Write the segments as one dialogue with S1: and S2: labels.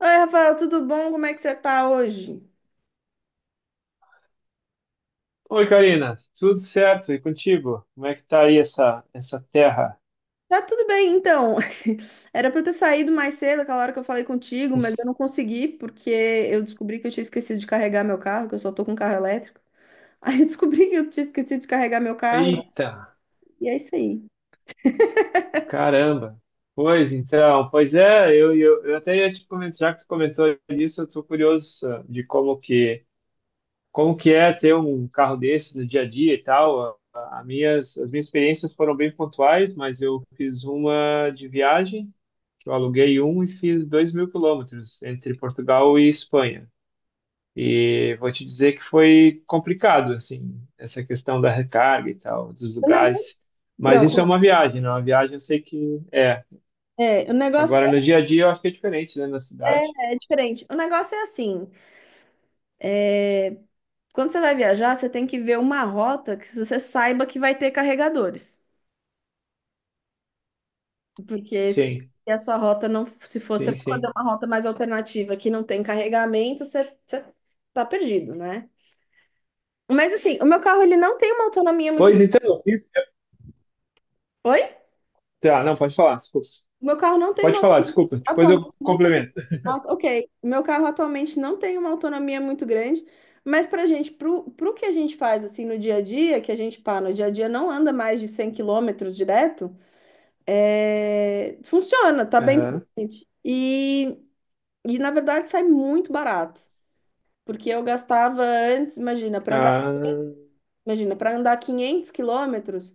S1: Oi, Rafael, tudo bom? Como é que você tá hoje?
S2: Oi, Karina, tudo certo? E contigo? Como é que tá aí essa terra?
S1: Tá tudo bem, então. Era pra eu ter saído mais cedo, aquela hora que eu falei contigo, mas eu não consegui, porque eu descobri que eu tinha esquecido de carregar meu carro, que eu só tô com carro elétrico. Aí eu descobri que eu tinha esquecido de carregar meu carro,
S2: Eita,
S1: e é isso aí.
S2: caramba! Pois então, pois é, eu até ia te comentar, já que tu comentou isso, eu estou curioso de como que é ter um carro desse no dia a dia e tal. As minhas experiências foram bem pontuais, mas eu fiz uma de viagem, que eu aluguei um e fiz 2.000 quilômetros entre Portugal e Espanha. E vou te dizer que foi complicado, assim, essa questão da recarga e tal, dos
S1: O negócio,
S2: lugares. Mas
S1: pronto,
S2: isso é uma viagem, não? Uma viagem eu sei que é.
S1: é, o negócio
S2: Agora, no dia a dia, eu acho que é diferente, né, na cidade.
S1: é diferente. O negócio é assim, quando você vai viajar, você tem que ver uma rota que você saiba que vai ter carregadores. Porque se
S2: Sim,
S1: a sua rota não, se fosse
S2: sim,
S1: fazer
S2: sim.
S1: uma rota mais alternativa que não tem carregamento, você tá perdido, né? Mas assim, o meu carro ele não tem uma autonomia muito.
S2: Pois então, eu fiz.
S1: Oi?
S2: Tá, não, pode falar, desculpa.
S1: O meu carro não tem
S2: Pode
S1: uma
S2: falar,
S1: autonomia.
S2: desculpa. Depois eu
S1: Atualmente não tem.
S2: complemento.
S1: Ah, ok, o meu carro atualmente não tem uma autonomia muito grande, mas pra gente, pro que a gente faz assim no dia a dia, que a gente, pá, no dia a dia não anda mais de 100 quilômetros direto, funciona, tá bem pra
S2: Aham,
S1: gente. E na verdade sai muito barato. Porque eu gastava antes,
S2: ah,
S1: imagina, para andar 500 quilômetros,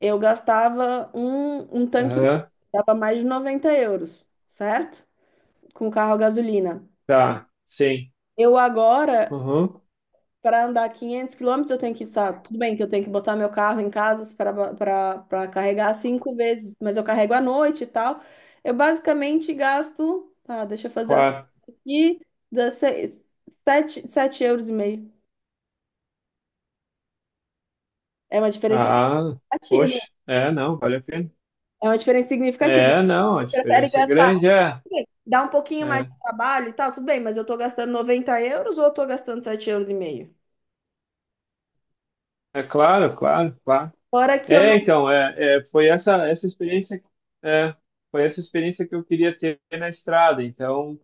S1: eu gastava um tanque inteiro,
S2: aham,
S1: dava mais de 90 euros, certo? Com carro a gasolina.
S2: tá, sim.
S1: Eu agora,
S2: Uhum,
S1: para andar 500 quilômetros, eu tenho que, sabe, tudo bem que eu tenho que botar meu carro em casa para carregar cinco vezes, mas eu carrego à noite e tal. Eu basicamente gasto, ah, deixa eu fazer
S2: claro.
S1: aqui, dá seis, sete, sete euros e meio. É uma diferença
S2: Ah,
S1: significativa.
S2: poxa, é, não, vale a pena.
S1: É uma diferença significativa.
S2: É, não, a
S1: Você prefere
S2: diferença é
S1: gastar,
S2: grande, é.
S1: tudo bem, dá um pouquinho mais
S2: É.
S1: de trabalho e tal, tudo bem, mas eu tô gastando 90 euros ou eu tô gastando sete euros e meio?
S2: É claro, claro, claro.
S1: Fora que eu
S2: É,
S1: não.
S2: então, é, foi essa experiência, é, foi essa experiência que eu queria ter na estrada. Então,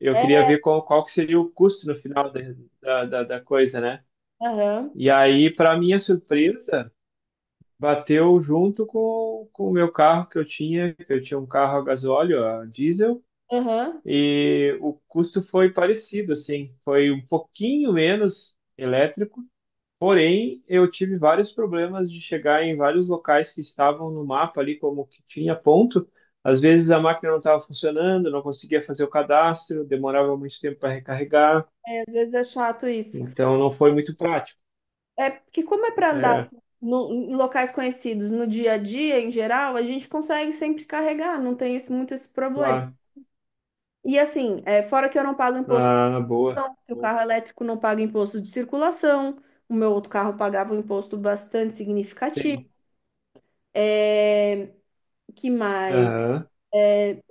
S2: eu
S1: É,
S2: queria ver qual que seria o custo no final da, coisa, né?
S1: aham,
S2: E aí, para minha surpresa, bateu junto com o meu carro que eu tinha um carro a gasóleo, a diesel,
S1: aham.
S2: e o custo foi parecido, assim, foi um pouquinho menos elétrico. Porém, eu tive vários problemas de chegar em vários locais que estavam no mapa ali, como que tinha ponto. Às vezes a máquina não estava funcionando, não conseguia fazer o cadastro, demorava muito tempo para recarregar,
S1: É, às vezes é chato isso.
S2: então não foi muito prático.
S1: É porque, como é pra andar
S2: É,
S1: assim, em locais conhecidos no dia a dia, em geral, a gente consegue sempre carregar, não tem esse, muito esse problema.
S2: claro.
S1: E assim, é, fora que eu não pago imposto,
S2: Ah, boa.
S1: não, que o
S2: Boa.
S1: carro elétrico não paga imposto de circulação, o meu outro carro pagava um imposto bastante significativo.
S2: Sim.
S1: É, que mais?
S2: Aham,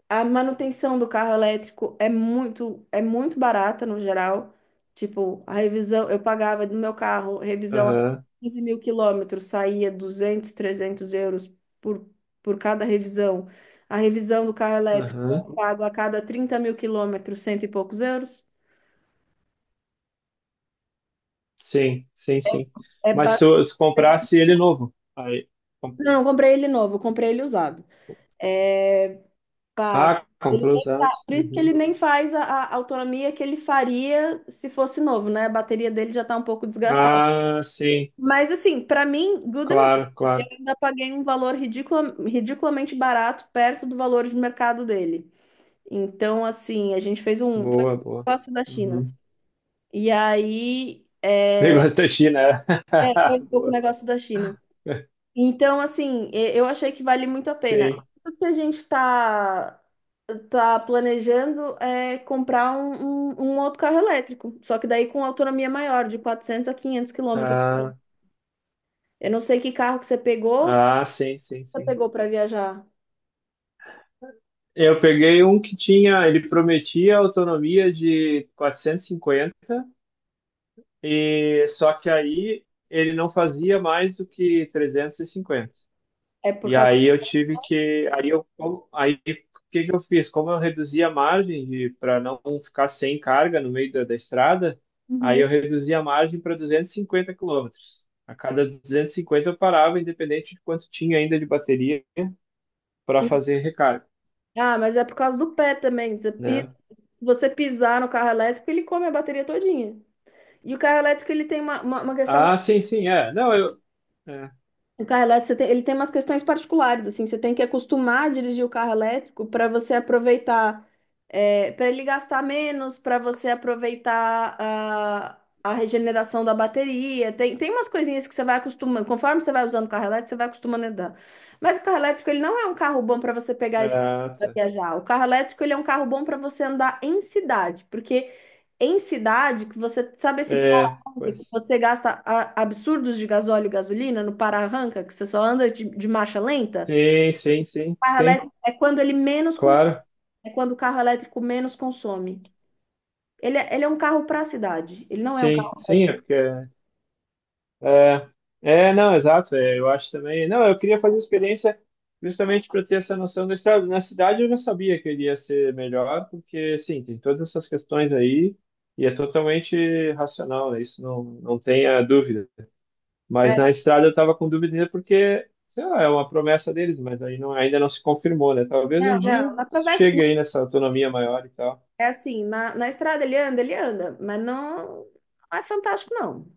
S1: A manutenção do carro elétrico é muito barata no geral. Tipo, a revisão, eu pagava do meu carro, revisão a
S2: aham,
S1: 15.000 quilômetros, saía 200 300 euros por, por cada revisão. A revisão do carro elétrico
S2: aham.
S1: eu pago a cada 30.000 quilômetros, cento e poucos euros.
S2: Sim, sim, sim.
S1: É
S2: Mas se
S1: bastante.
S2: comprasse ele novo, aí. com-
S1: Não, eu comprei ele novo, eu comprei ele usado. É, pá,
S2: Ah, comprou usado.
S1: por isso que ele
S2: Uhum.
S1: nem faz a autonomia que ele faria se fosse novo, né? A bateria dele já tá um pouco desgastada.
S2: Ah, sim,
S1: Mas assim, pra mim, good enough.
S2: claro,
S1: Eu
S2: claro.
S1: ainda paguei um valor ridiculamente barato, perto do valor de mercado dele. Então, assim, a gente fez um, foi
S2: Boa,
S1: um
S2: boa.
S1: negócio da China, assim.
S2: Uhum.
S1: E aí,
S2: Negócio da China, é.
S1: foi um pouco
S2: Boa.
S1: negócio da China. Então, assim, eu achei que vale muito a pena.
S2: Sim.
S1: O que a gente está tá tá planejando é comprar um outro carro elétrico, só que daí com autonomia maior, de 400 a 500 quilômetros.
S2: Ah,
S1: Eu não sei que carro que você pegou,
S2: ah, sim, sim, sim.
S1: para viajar.
S2: Eu peguei um que tinha, ele prometia autonomia de 450, e só que aí ele não fazia mais do que 350.
S1: É por
S2: E
S1: causa.
S2: aí eu tive que, aí o que que eu fiz? Como eu reduzi a margem para não ficar sem carga no meio da estrada, aí eu
S1: Uhum.
S2: reduzi a margem para 250 quilômetros. A cada 250 eu parava, independente de quanto tinha ainda de bateria para fazer recarga,
S1: Ah, mas é por causa do pé também.
S2: né?
S1: Você pisar no carro elétrico, ele come a bateria todinha. E o carro elétrico, ele tem uma questão.
S2: Ah, sim, sim, é. Não, eu. É,
S1: O carro elétrico, ele tem umas questões particulares, assim, você tem que acostumar a dirigir o carro elétrico para você aproveitar, para ele gastar menos, para você aproveitar a regeneração da bateria. Tem, tem umas coisinhas que você vai acostumando, conforme você vai usando o carro elétrico, você vai acostumando a andar. Mas o carro elétrico, ele não é um carro bom para você pegar a estrada para
S2: tá.
S1: viajar. O carro elétrico, ele é um carro bom para você andar em cidade, porque em cidade, que você sabe esse
S2: É,
S1: que
S2: pois.
S1: você gasta absurdos de gasóleo e gasolina no para-arranca, que você só anda de marcha lenta.
S2: Sim, sim, sim,
S1: O carro
S2: sim.
S1: elétrico é quando ele menos cons-
S2: Claro.
S1: é quando o carro elétrico menos consome. Ele é um carro para a cidade. Ele não é um
S2: Sim,
S1: carro.
S2: sim, é porque É, é, não, exato. É, eu acho também. Não, eu queria fazer experiência justamente para ter essa noção da estrada. Na cidade eu já sabia que iria ser melhor, porque, sim, tem todas essas questões aí e é totalmente racional, né? Isso não, não tenha dúvida. Mas
S1: É,
S2: na estrada eu estava com dúvida ainda porque, sei lá, é uma promessa deles, mas aí não, ainda não se confirmou, né? Talvez um
S1: não,
S2: dia
S1: não. Na travessa,
S2: chegue aí nessa autonomia maior e tal.
S1: é assim, na estrada ele anda, mas não, não é fantástico, não.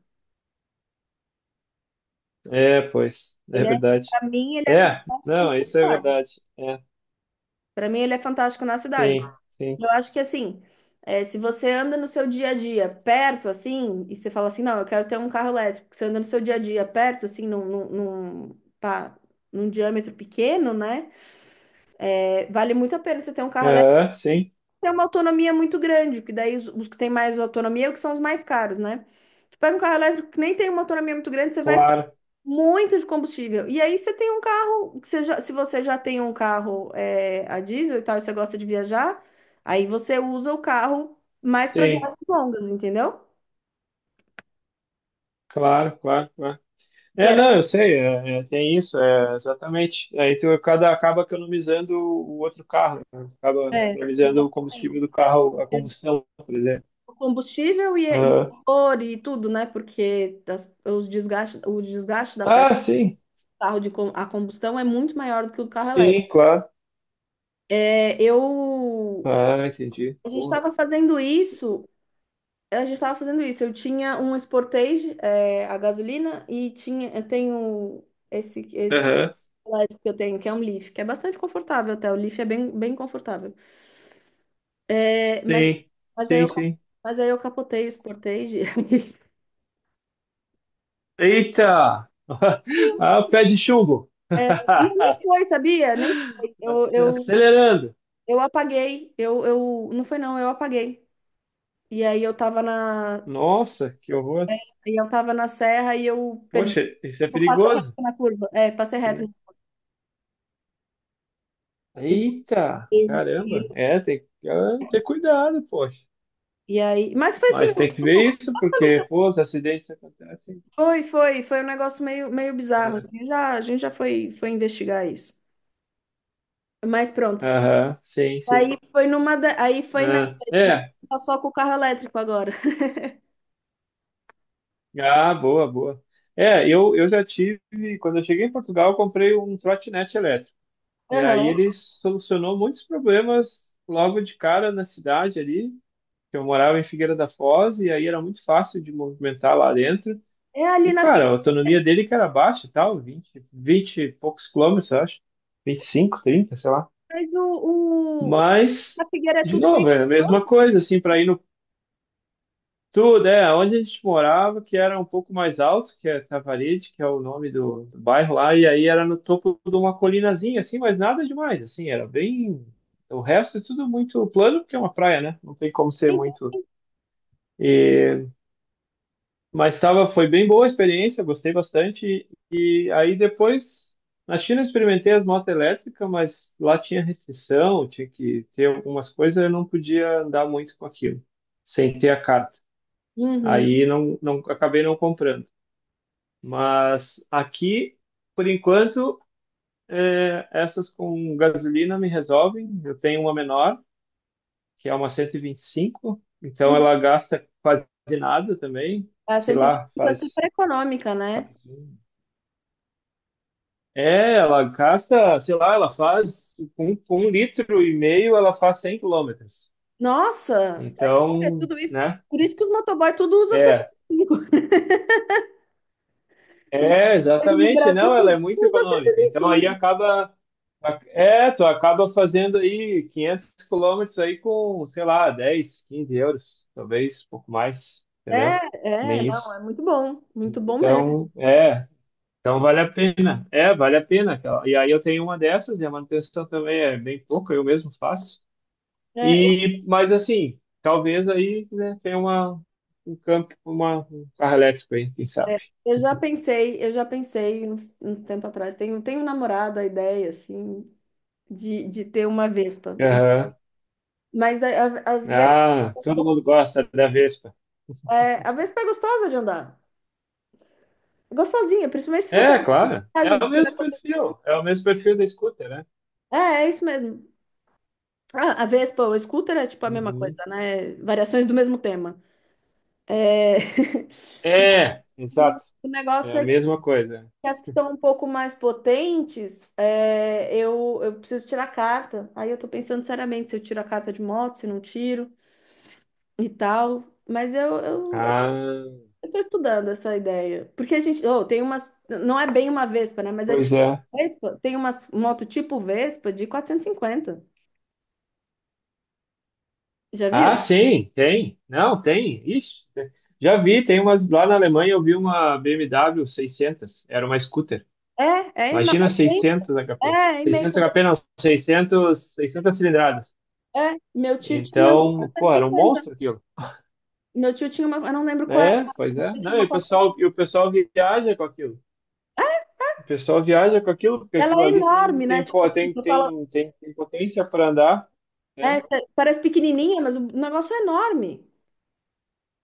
S2: É, pois, é
S1: Ele é,
S2: verdade.
S1: para mim, ele é
S2: É,
S1: fantástico
S2: não,
S1: na
S2: isso é
S1: cidade.
S2: verdade. É,
S1: Para mim, ele é fantástico na cidade.
S2: sim, sim.
S1: Eu acho que assim, é, se você anda no seu dia a dia perto, assim, e você fala assim, não, eu quero ter um carro elétrico, você anda no seu dia a dia perto, assim, pá, num diâmetro pequeno, né? É, vale muito a pena você ter um carro elétrico,
S2: Aham,
S1: tem uma autonomia muito grande, porque daí os que têm mais autonomia é o que são os mais caros, né? Tu pega um carro elétrico que nem tem uma autonomia muito grande, você vai
S2: claro,
S1: muito de combustível. E aí você tem um carro, que se você já tem um carro é, a diesel e tal, e você gosta de viajar, aí você usa o carro mais para
S2: sim,
S1: viagens longas, entendeu?
S2: claro, claro, claro.
S1: Que
S2: É,
S1: era,
S2: não, eu sei, é, tem isso, é, exatamente. Aí tu cada acaba economizando o outro carro, né? Acaba
S1: é,
S2: economizando o combustível
S1: exatamente.
S2: do carro, a combustão, por exemplo.
S1: O combustível e
S2: Aham.
S1: o motor e tudo, né? Porque o desgaste da peça
S2: Ah, sim,
S1: do carro a combustão é muito maior do que o do carro elétrico.
S2: sim, claro.
S1: É, eu,
S2: Ah, entendi.
S1: a gente
S2: Boa.
S1: estava fazendo isso. A gente estava fazendo isso. Eu tinha um Sportage, é, a gasolina, e tinha, eu tenho esse
S2: Aham,
S1: que eu tenho, que é um Leaf, que é bastante confortável até. O Leaf é bem, bem confortável. É,
S2: sim,
S1: mas, aí
S2: sim,
S1: eu,
S2: sim.
S1: mas aí eu capotei o Sportage.
S2: Eita! Ah, pé de chumbo.
S1: É, não, nem foi, sabia? Nem foi. Eu, eu,
S2: Acelerando.
S1: eu apaguei. Não foi, não, eu apaguei. E aí eu tava na,
S2: Nossa, que horror.
S1: aí eu tava na serra e eu perdi.
S2: Poxa, isso é
S1: Eu passei
S2: perigoso.
S1: reto na curva. É, passei reto.
S2: Sei. Eita,
S1: E,
S2: caramba. É, tem que ter cuidado, poxa.
S1: E aí, mas foi assim,
S2: Mas tem que ver isso,
S1: aconteceu-
S2: porque, pô, os acidentes acontecem.
S1: foi, foi um negócio meio, meio bizarro,
S2: É.
S1: assim, já, a gente já foi investigar isso. Mas pronto.
S2: Aham, sim, sim.
S1: Aí foi nessa,
S2: Ah, é,
S1: só com o carro elétrico agora.
S2: ah, boa, boa. É, eu já tive, quando eu cheguei em Portugal, eu comprei um trotinete elétrico. E aí
S1: Aham.
S2: ele solucionou muitos problemas logo de cara na cidade ali, que eu morava em Figueira da Foz, e aí era muito fácil de movimentar lá dentro.
S1: É
S2: E,
S1: ali na
S2: cara, a
S1: Figueira,
S2: autonomia dele que era baixa e tal, vinte e poucos quilômetros, eu acho. 25 30, sei lá.
S1: mas o, o,
S2: Mas,
S1: a Figueira é
S2: de
S1: tudo meio
S2: novo, é a
S1: urbano.
S2: mesma coisa, assim, para ir no tudo, é, onde a gente morava, que era um pouco mais alto, que é Tavaride, que é o nome do bairro lá, e aí era no topo de uma colinazinha, assim, mas nada demais, assim, era bem. O resto é tudo muito plano, porque é uma praia, né? Não tem como ser muito. E, mas tava, foi bem boa a experiência, gostei bastante. E aí depois, na China eu experimentei as motos elétricas, mas lá tinha restrição, tinha que ter algumas coisas, eu não podia andar muito com aquilo, sem ter a carta.
S1: Uhum,
S2: Aí não, não acabei não comprando. Mas aqui, por enquanto, é, essas com gasolina me resolvem. Eu tenho uma menor, que é uma 125, então
S1: uhum.
S2: ela gasta quase nada também,
S1: A
S2: sei
S1: cento e vinte
S2: lá,
S1: e cinco é
S2: faz.
S1: super econômica, né?
S2: É, ela gasta, sei lá, ela faz com um litro e meio, ela faz 100 quilômetros.
S1: Nossa, é sério, é
S2: Então,
S1: tudo isso.
S2: né?
S1: Por isso que os motoboy tudo usam cento
S2: É,
S1: e vinte e cinco Os
S2: é,
S1: motoboys no
S2: exatamente. Não, ela é
S1: Brasil
S2: muito
S1: usam
S2: econômica. Então aí
S1: 125.
S2: acaba, é, tu acaba fazendo aí 500 quilômetros aí com, sei lá, 10, 15 euros, talvez um pouco mais, entendeu?
S1: É,
S2: Nem
S1: não,
S2: isso.
S1: é muito bom mesmo.
S2: Então, é, então vale a pena. É, vale a pena. E aí eu tenho uma dessas e a manutenção também é bem pouca, eu mesmo faço.
S1: É, eu,
S2: E, mas assim, talvez aí, né, tenha uma, um campo, uma, um carro elétrico aí, quem sabe.
S1: eu já pensei, eu já pensei uns tempo atrás, tenho namorado a ideia, assim, de ter uma Vespa.
S2: Aham.
S1: Mas daí a, Ves-
S2: Ah, todo mundo gosta da Vespa.
S1: a Vespa é gostosa de andar, é gostosinha, principalmente se você
S2: É,
S1: não tá
S2: claro.
S1: coragem,
S2: É o
S1: porque ela-
S2: mesmo perfil. É o mesmo perfil da scooter, né?
S1: É isso mesmo. Ah, a Vespa, o scooter é tipo a mesma
S2: Uhum.
S1: coisa, né? Variações do mesmo tema. É...
S2: É,
S1: O
S2: exato.
S1: o
S2: É
S1: negócio
S2: a
S1: é.
S2: mesma coisa.
S1: E as que são um pouco mais potentes, eu preciso tirar a carta. Aí eu tô pensando seriamente se eu tiro a carta de moto, se não tiro e tal. Mas eu, eu,
S2: Ah,
S1: eu tô estudando essa ideia. Porque a gente, oh, tem umas, não é bem uma Vespa, né? Mas é
S2: pois
S1: tipo
S2: é.
S1: Vespa. Tem umas moto tipo Vespa de 450. Já viu?
S2: Ah, sim, tem. Não, tem. Ixi, já vi, tem umas lá na Alemanha, eu vi uma BMW 600, era uma scooter.
S1: É, é,
S2: Imagina
S1: ino-
S2: 600
S1: é,
S2: HP.
S1: é é imensa.
S2: 600 HP não, 600, 600 cilindradas.
S1: É, meu tio tinha uma
S2: Então, pô,
S1: quatrocentos e
S2: era um
S1: cinquenta
S2: monstro aquilo.
S1: Meu tio tinha uma, eu não lembro qual era,
S2: É, pois
S1: mas
S2: é.
S1: ele tinha
S2: Não, e
S1: uma
S2: o pessoal, e o
S1: 450.
S2: pessoal viaja com aquilo. O pessoal viaja com aquilo, porque
S1: Ela
S2: aquilo
S1: é
S2: ali tem,
S1: enorme, né?
S2: tem,
S1: Tipo
S2: pô,
S1: assim,
S2: tem,
S1: você fala,
S2: tem, tem, tem potência para andar,
S1: é,
S2: né?
S1: parece pequenininha, mas o negócio é enorme.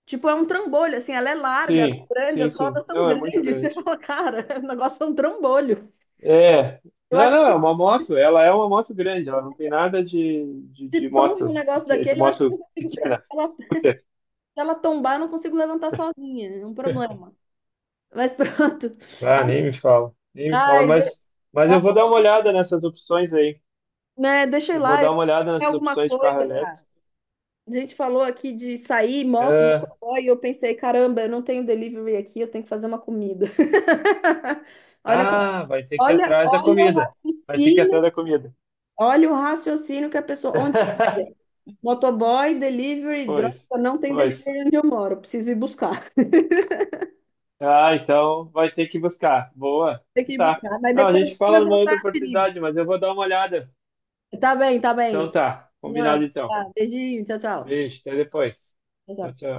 S1: Tipo, é um trambolho, assim, ela é larga, ela
S2: Sim,
S1: é grande,
S2: sim,
S1: as
S2: sim.
S1: rodas são
S2: Não, é muito
S1: grandes. Você
S2: grande.
S1: fala, cara, o negócio é um trambolho.
S2: É.
S1: Eu
S2: Não,
S1: acho
S2: não,
S1: que
S2: é
S1: se,
S2: uma moto. Ela é uma moto grande. Ela não tem nada de, de,
S1: se
S2: de
S1: tomba um
S2: moto,
S1: negócio
S2: de
S1: daquele, eu acho que eu
S2: moto
S1: não consigo.
S2: pequena.
S1: Se ela, se ela tombar, eu não consigo levantar sozinha, é um problema. Mas pronto.
S2: Ah, nem me fala, nem me fala,
S1: Ai, de-
S2: mas eu vou
S1: ai,
S2: dar uma olhada nessas opções aí.
S1: né, deixa eu ir
S2: Eu vou
S1: lá, eu
S2: dar uma
S1: preciso
S2: olhada
S1: fazer
S2: nessas
S1: alguma
S2: opções de carro
S1: coisa, cara.
S2: elétrico.
S1: A gente falou aqui de sair, moto,
S2: ah,
S1: motoboy, e eu pensei, caramba, eu não tenho delivery aqui, eu tenho que fazer uma comida. Olha.
S2: ah, vai ter que ir
S1: Olha,
S2: atrás da
S1: olha o
S2: comida. Vai ter que ir
S1: raciocínio,
S2: atrás da comida.
S1: olha o raciocínio que a pessoa, onde tiver. Motoboy, delivery, droga,
S2: Pois,
S1: não tem
S2: pois.
S1: delivery onde eu moro, preciso ir buscar.
S2: Ah, então vai ter que buscar. Boa.
S1: Tem que
S2: Então
S1: ir
S2: tá.
S1: buscar, mas
S2: Não, a
S1: depois,
S2: gente
S1: quando
S2: fala
S1: eu
S2: numa
S1: voltar,
S2: outra
S1: eu te ligo.
S2: oportunidade, mas eu vou dar uma olhada.
S1: Tá bem, tá bem.
S2: Então tá, combinado
S1: Norma,
S2: então.
S1: tá, beijinho, tchau, tchau.
S2: Beijo, até depois.
S1: Tchau,
S2: Tchau,
S1: tchau.
S2: tchau.